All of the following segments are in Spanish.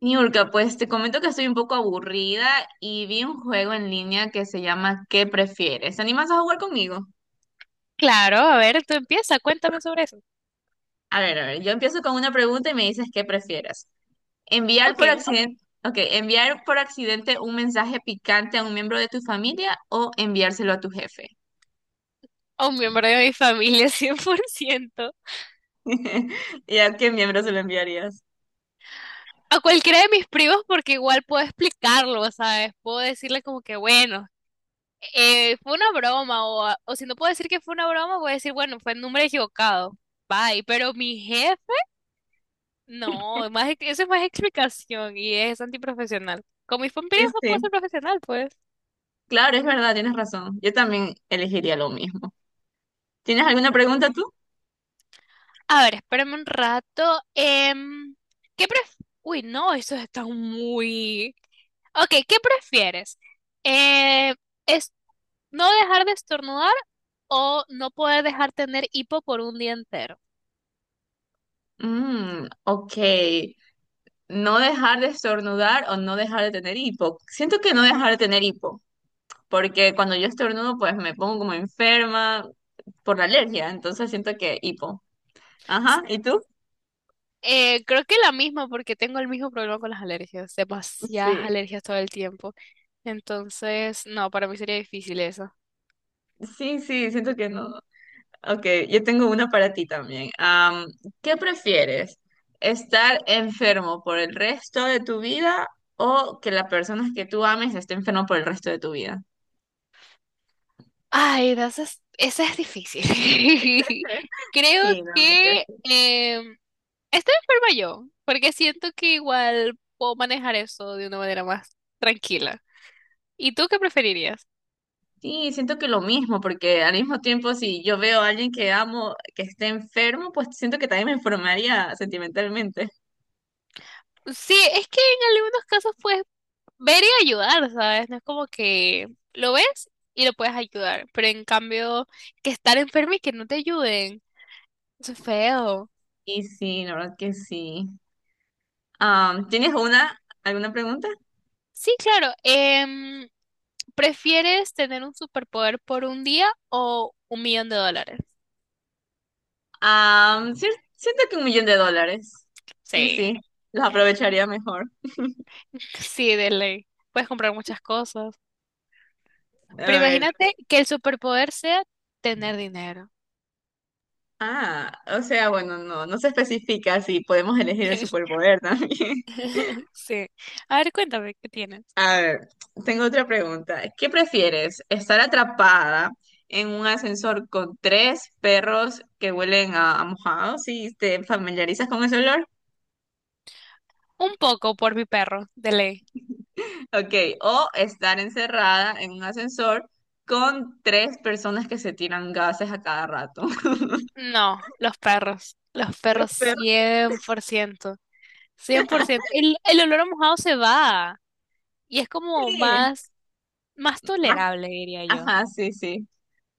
Niurka, pues te comento que estoy un poco aburrida y vi un juego en línea que se llama ¿Qué prefieres? ¿Te animas a jugar conmigo? Claro, a ver, tú empieza, cuéntame sobre eso. A ver, yo empiezo con una pregunta y me dices ¿qué prefieres? ¿Enviar Ok, por accidente, ok, enviar por accidente un mensaje picante a un miembro de tu familia o enviárselo a tu jefe? a un miembro de mi familia, 100%. ¿Y a qué miembro se lo enviarías? A cualquiera de mis primos, porque igual puedo explicarlo, ¿sabes? Puedo decirle como que, bueno, fue una broma, o si no puedo decir que fue una broma, voy a decir, bueno, fue el número equivocado. Bye, pero mi jefe, no, más, eso es más explicación y es antiprofesional. Con mis primos Sí, no puedo sí. ser profesional, pues. Claro, es verdad, tienes razón. Yo también elegiría lo mismo. ¿Tienes alguna pregunta tú? A ver, espérame un rato. ¿Qué pref... Uy, no, eso está muy. Ok, ¿qué prefieres? Eh, ¿Es no dejar de estornudar o no poder dejar tener hipo por un día entero? Mm, ok. No dejar de estornudar o no dejar de tener hipo. Siento que no Ujú. dejar de tener hipo, porque cuando yo estornudo, pues me pongo como enferma por la alergia, entonces siento que hipo. S- Ajá, ¿y tú? Creo que la misma porque tengo el mismo problema con las alergias, demasiadas Sí, alergias todo el tiempo. Entonces, no, para mí sería difícil eso. sí, sí, siento que no. Ok, yo tengo una para ti también. ¿Qué prefieres? ¿Estar enfermo por el resto de tu vida o que la persona que tú ames esté enfermo por el resto de tu vida? Ay, no, esa es difícil. Creo Sí, no. que estoy enferma yo, porque siento que igual puedo manejar eso de una manera más tranquila. ¿Y tú qué preferirías? Sí, siento que lo mismo, porque al mismo tiempo si yo veo a alguien que amo que esté enfermo, pues siento que también me enfermaría sentimentalmente. Sí, es que en algunos casos puedes ver y ayudar, ¿sabes? No es como que lo ves y lo puedes ayudar, pero en cambio que estar enfermo y que no te ayuden, eso es feo. Y sí, la verdad que sí. ¿Tienes una, alguna pregunta? Sí, claro. ¿Prefieres tener un superpoder por un día o 1 millón de dólares? Cier- siento que $1.000.000. Sí, Sí, sí, los aprovecharía mejor. sí, de ley. Puedes comprar muchas cosas. Pero A ver. imagínate que el superpoder sea tener dinero. Ah, o sea, bueno, no, no se especifica si podemos elegir el superpoder también. Sí. A ver, cuéntame, ¿qué tienes? A ver, tengo otra pregunta. ¿Qué prefieres? ¿Estar atrapada en un ascensor con tres perros que huelen a mojado, si te familiarizas con ese olor? Un poco por mi perro, de ley. Ok, o estar encerrada en un ascensor con tres personas que se tiran gases a cada rato. No, los perros. Los Los perros perros cien por ciento, 100%. El olor a mojado se va y es como sí. más Más- tolerable, diría yo. Ajá, sí, sí.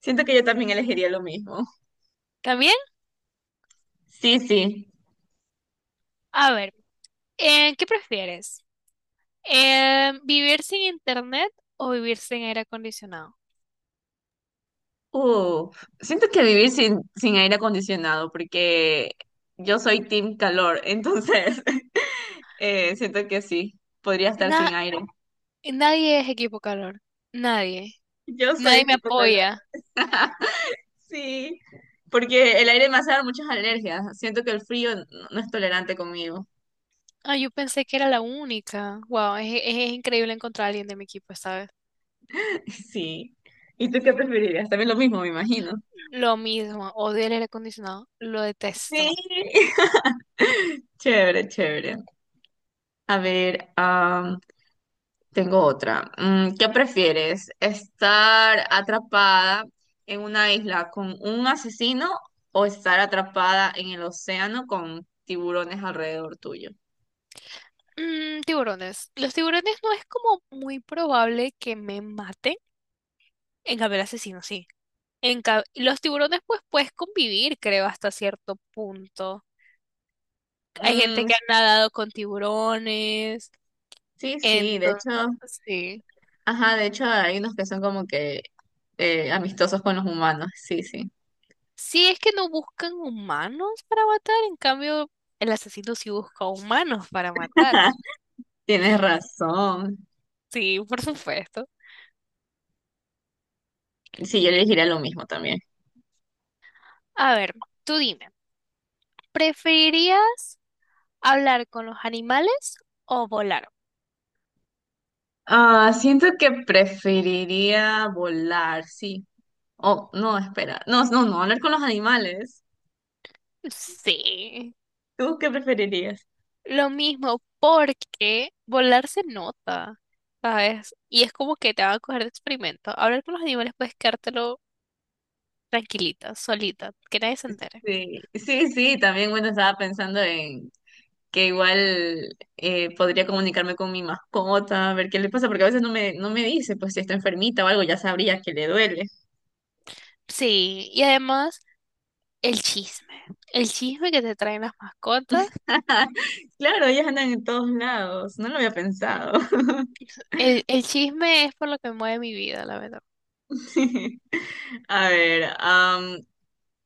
Siento que yo también elegiría lo mismo. También, Sí, sí. a ver, ¿qué prefieres? ¿Vivir sin internet o vivir sin aire acondicionado? Uh, siento que vivir sin aire acondicionado, porque yo soy team calor, entonces siento que sí, podría estar Na- sin aire. nadie es equipo calor. Nadie. Yo soy Nadie me equipo calor. apoya. Sí, porque el aire me hace dar muchas alergias. Siento que el frío no, no es tolerante conmigo. Ah, yo pensé que era la única. Wow, es increíble encontrar a alguien de mi equipo, ¿sabes? Sí. ¿Y tú qué preferirías? También lo mismo, me imagino. Lo mismo, odio el aire acondicionado, lo Sí. detesto. Chévere, chévere. A ver, tengo otra. Mm, ¿qué prefieres? ¿Estar atrapada en una isla con un asesino o estar atrapada en el océano con tiburones alrededor tuyo? Tiburones. Los tiburones no es como muy probable que me maten. En cambio, el asesino sí. Los tiburones, pues puedes convivir, creo, hasta cierto punto. Hay gente Mm, que ha nadado con tiburones. sí, sí, de Entonces, hecho, sí. ajá, de hecho hay unos que son como que amistosos con los humanos. Sí, sí. Sí, es que no buscan humanos para matar. En cambio, el asesino sí busca humanos para matar. Tienes razón. Sí, por supuesto. Y sí, yo elegiría lo mismo también. A ver, tú dime, ¿preferirías hablar con los animales o volar? Ah, siento que preferiría volar, sí. Oh, no, espera. No, no, no, hablar con los animales. Sí, ¿Tú qué preferirías? lo mismo, porque volar se nota, ¿sabes? Y es como que te van a coger de experimento. Hablar con los animales puedes quedártelo tranquilita, solita, que nadie se entere. Sí, sí, sí, también bueno, estaba pensando en que igual podría comunicarme con mi mascota, a ver qué le pasa, porque a veces no me, no me dice, pues si está enfermita o algo, ya sabría que le duele. Sí, y además el chisme, el chisme que te traen las mascotas, Claro, ellas andan en todos lados, no lo había pensado. el chisme es por lo que mueve mi vida, la verdad. A ver,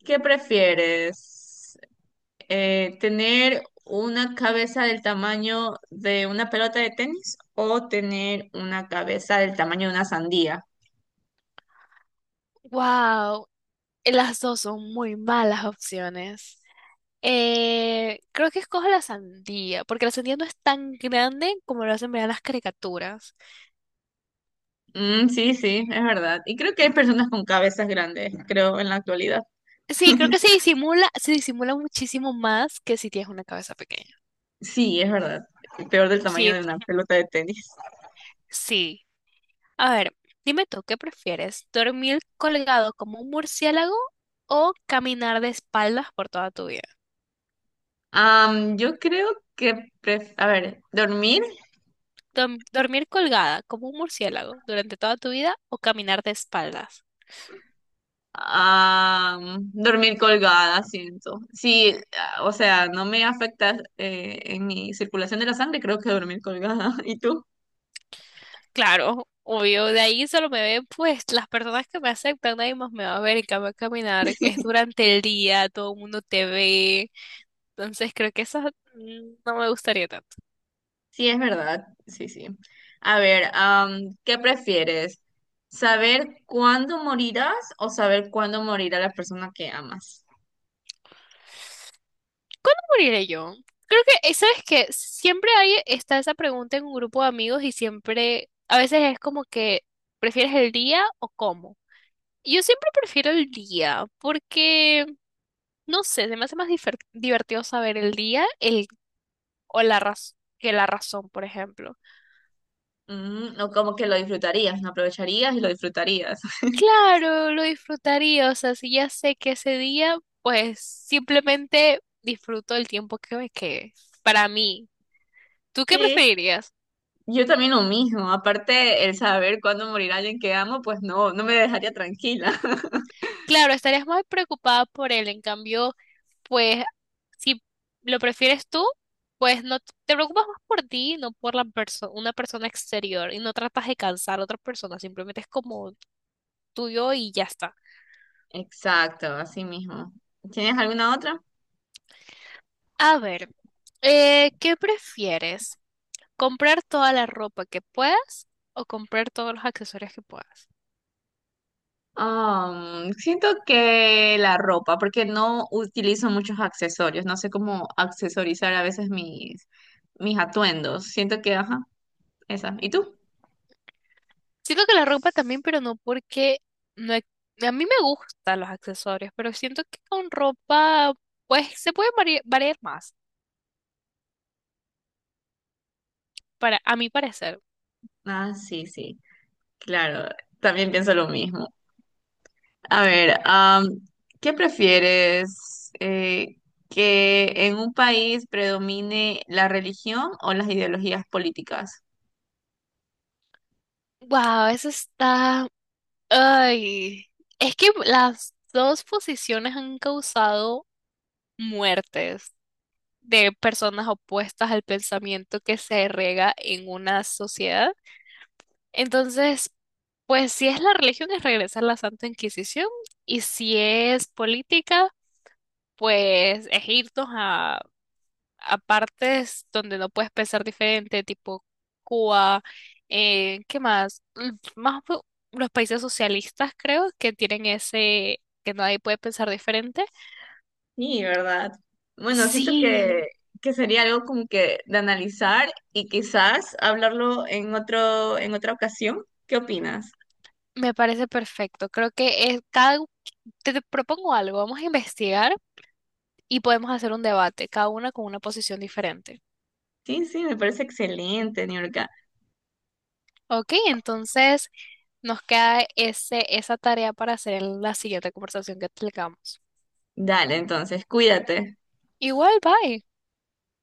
¿qué prefieres? ¿Tener una cabeza del tamaño de una pelota de tenis o tener una cabeza del tamaño de una sandía? Wow, las dos son muy malas opciones. Creo que escojo la sandía, porque la sandía no es tan grande como lo hacen ver en las caricaturas. Mm, sí, sí, es verdad. Y creo que hay personas con cabezas grandes, creo, en la actualidad. Sí, creo que se disimula muchísimo más que si tienes una cabeza pequeña. Sí, es verdad. Peor del tamaño Sí, de una pelota de tenis. sí. A ver, dime tú, ¿qué prefieres? ¿Dormir colgado como un murciélago o caminar de espaldas por toda tu vida? Yo creo que, pref- a ver, dormir, ¿Dormir colgada como un murciélago durante toda tu vida o caminar de espaldas? Dormir colgada, siento. Sí, ah, o sea, no me afecta en mi circulación de la sangre, creo que dormir colgada. ¿Y tú? Claro, obvio, de ahí solo me ven pues las personas que me aceptan, nadie más me va a ver, en cambio caminar es durante el día, todo el mundo te ve, entonces creo que eso no me gustaría tanto. Sí, es verdad. Sí, sí. A ver, ¿qué prefieres? ¿Saber cuándo morirás o saber cuándo morirá la persona que amas? ¿Moriré yo? Creo que, ¿sabes qué? Siempre hay, está esa pregunta en un grupo de amigos y siempre, a veces es como que, ¿prefieres el día o cómo? Y yo siempre prefiero el día porque, no sé, se me hace más divertido saber el día el, o la razón. Que la razón, por ejemplo. Mm, o como que lo disfrutarías, no aprovecharías y lo disfrutarías. Claro, lo disfrutaría, o sea, si ya sé que ese día, pues simplemente disfruto el tiempo que me quede. Para mí, ¿tú qué Sí, preferirías? yo también lo mismo. Aparte, el saber cuándo morirá alguien que amo, pues no, no me dejaría tranquila. Claro, estarías más preocupada por él, en cambio, pues si lo prefieres tú, pues no te preocupas más por ti, no por la una persona exterior y no tratas de cansar a otra persona, simplemente es como tuyo y ya está. Exacto, así mismo. ¿Tienes alguna otra? A ver, ¿qué prefieres? ¿Comprar toda la ropa que puedas o comprar todos los accesorios que puedas? Siento que la ropa, porque no utilizo muchos accesorios, no sé cómo accesorizar a veces mis, mis atuendos. Siento que, ajá, esa. ¿Y tú? Siento que la ropa también, pero no porque no he- a mí me gustan los accesorios, pero siento que con ropa pues se puede variar más, para a mi parecer. Ah, sí, sí, claro, también pienso lo mismo. A ver, ¿qué prefieres? ¿Que en un país predomine la religión o las ideologías políticas? Wow, eso está. Ay, es que las dos posiciones han causado muertes de personas opuestas al pensamiento que se rega en una sociedad. Entonces, pues si es la religión es regresar a la Santa Inquisición y si es política, pues es irnos a partes donde no puedes pensar diferente, tipo Cuba, ¿qué más? Los países socialistas creo que tienen ese, que nadie puede pensar diferente. Sí, ¿verdad? Bueno, siento Sí, que sería algo como que de analizar y quizás hablarlo en otro, en otra ocasión. ¿Qué opinas? me parece perfecto. Creo que es cada, te propongo algo, vamos a investigar y podemos hacer un debate, cada una con una posición diferente. Sí, sí, me parece excelente, Niurka. Ok, entonces nos queda ese, esa tarea para hacer en la siguiente conversación que tengamos. Dale, entonces, cuídate. Igual, bye.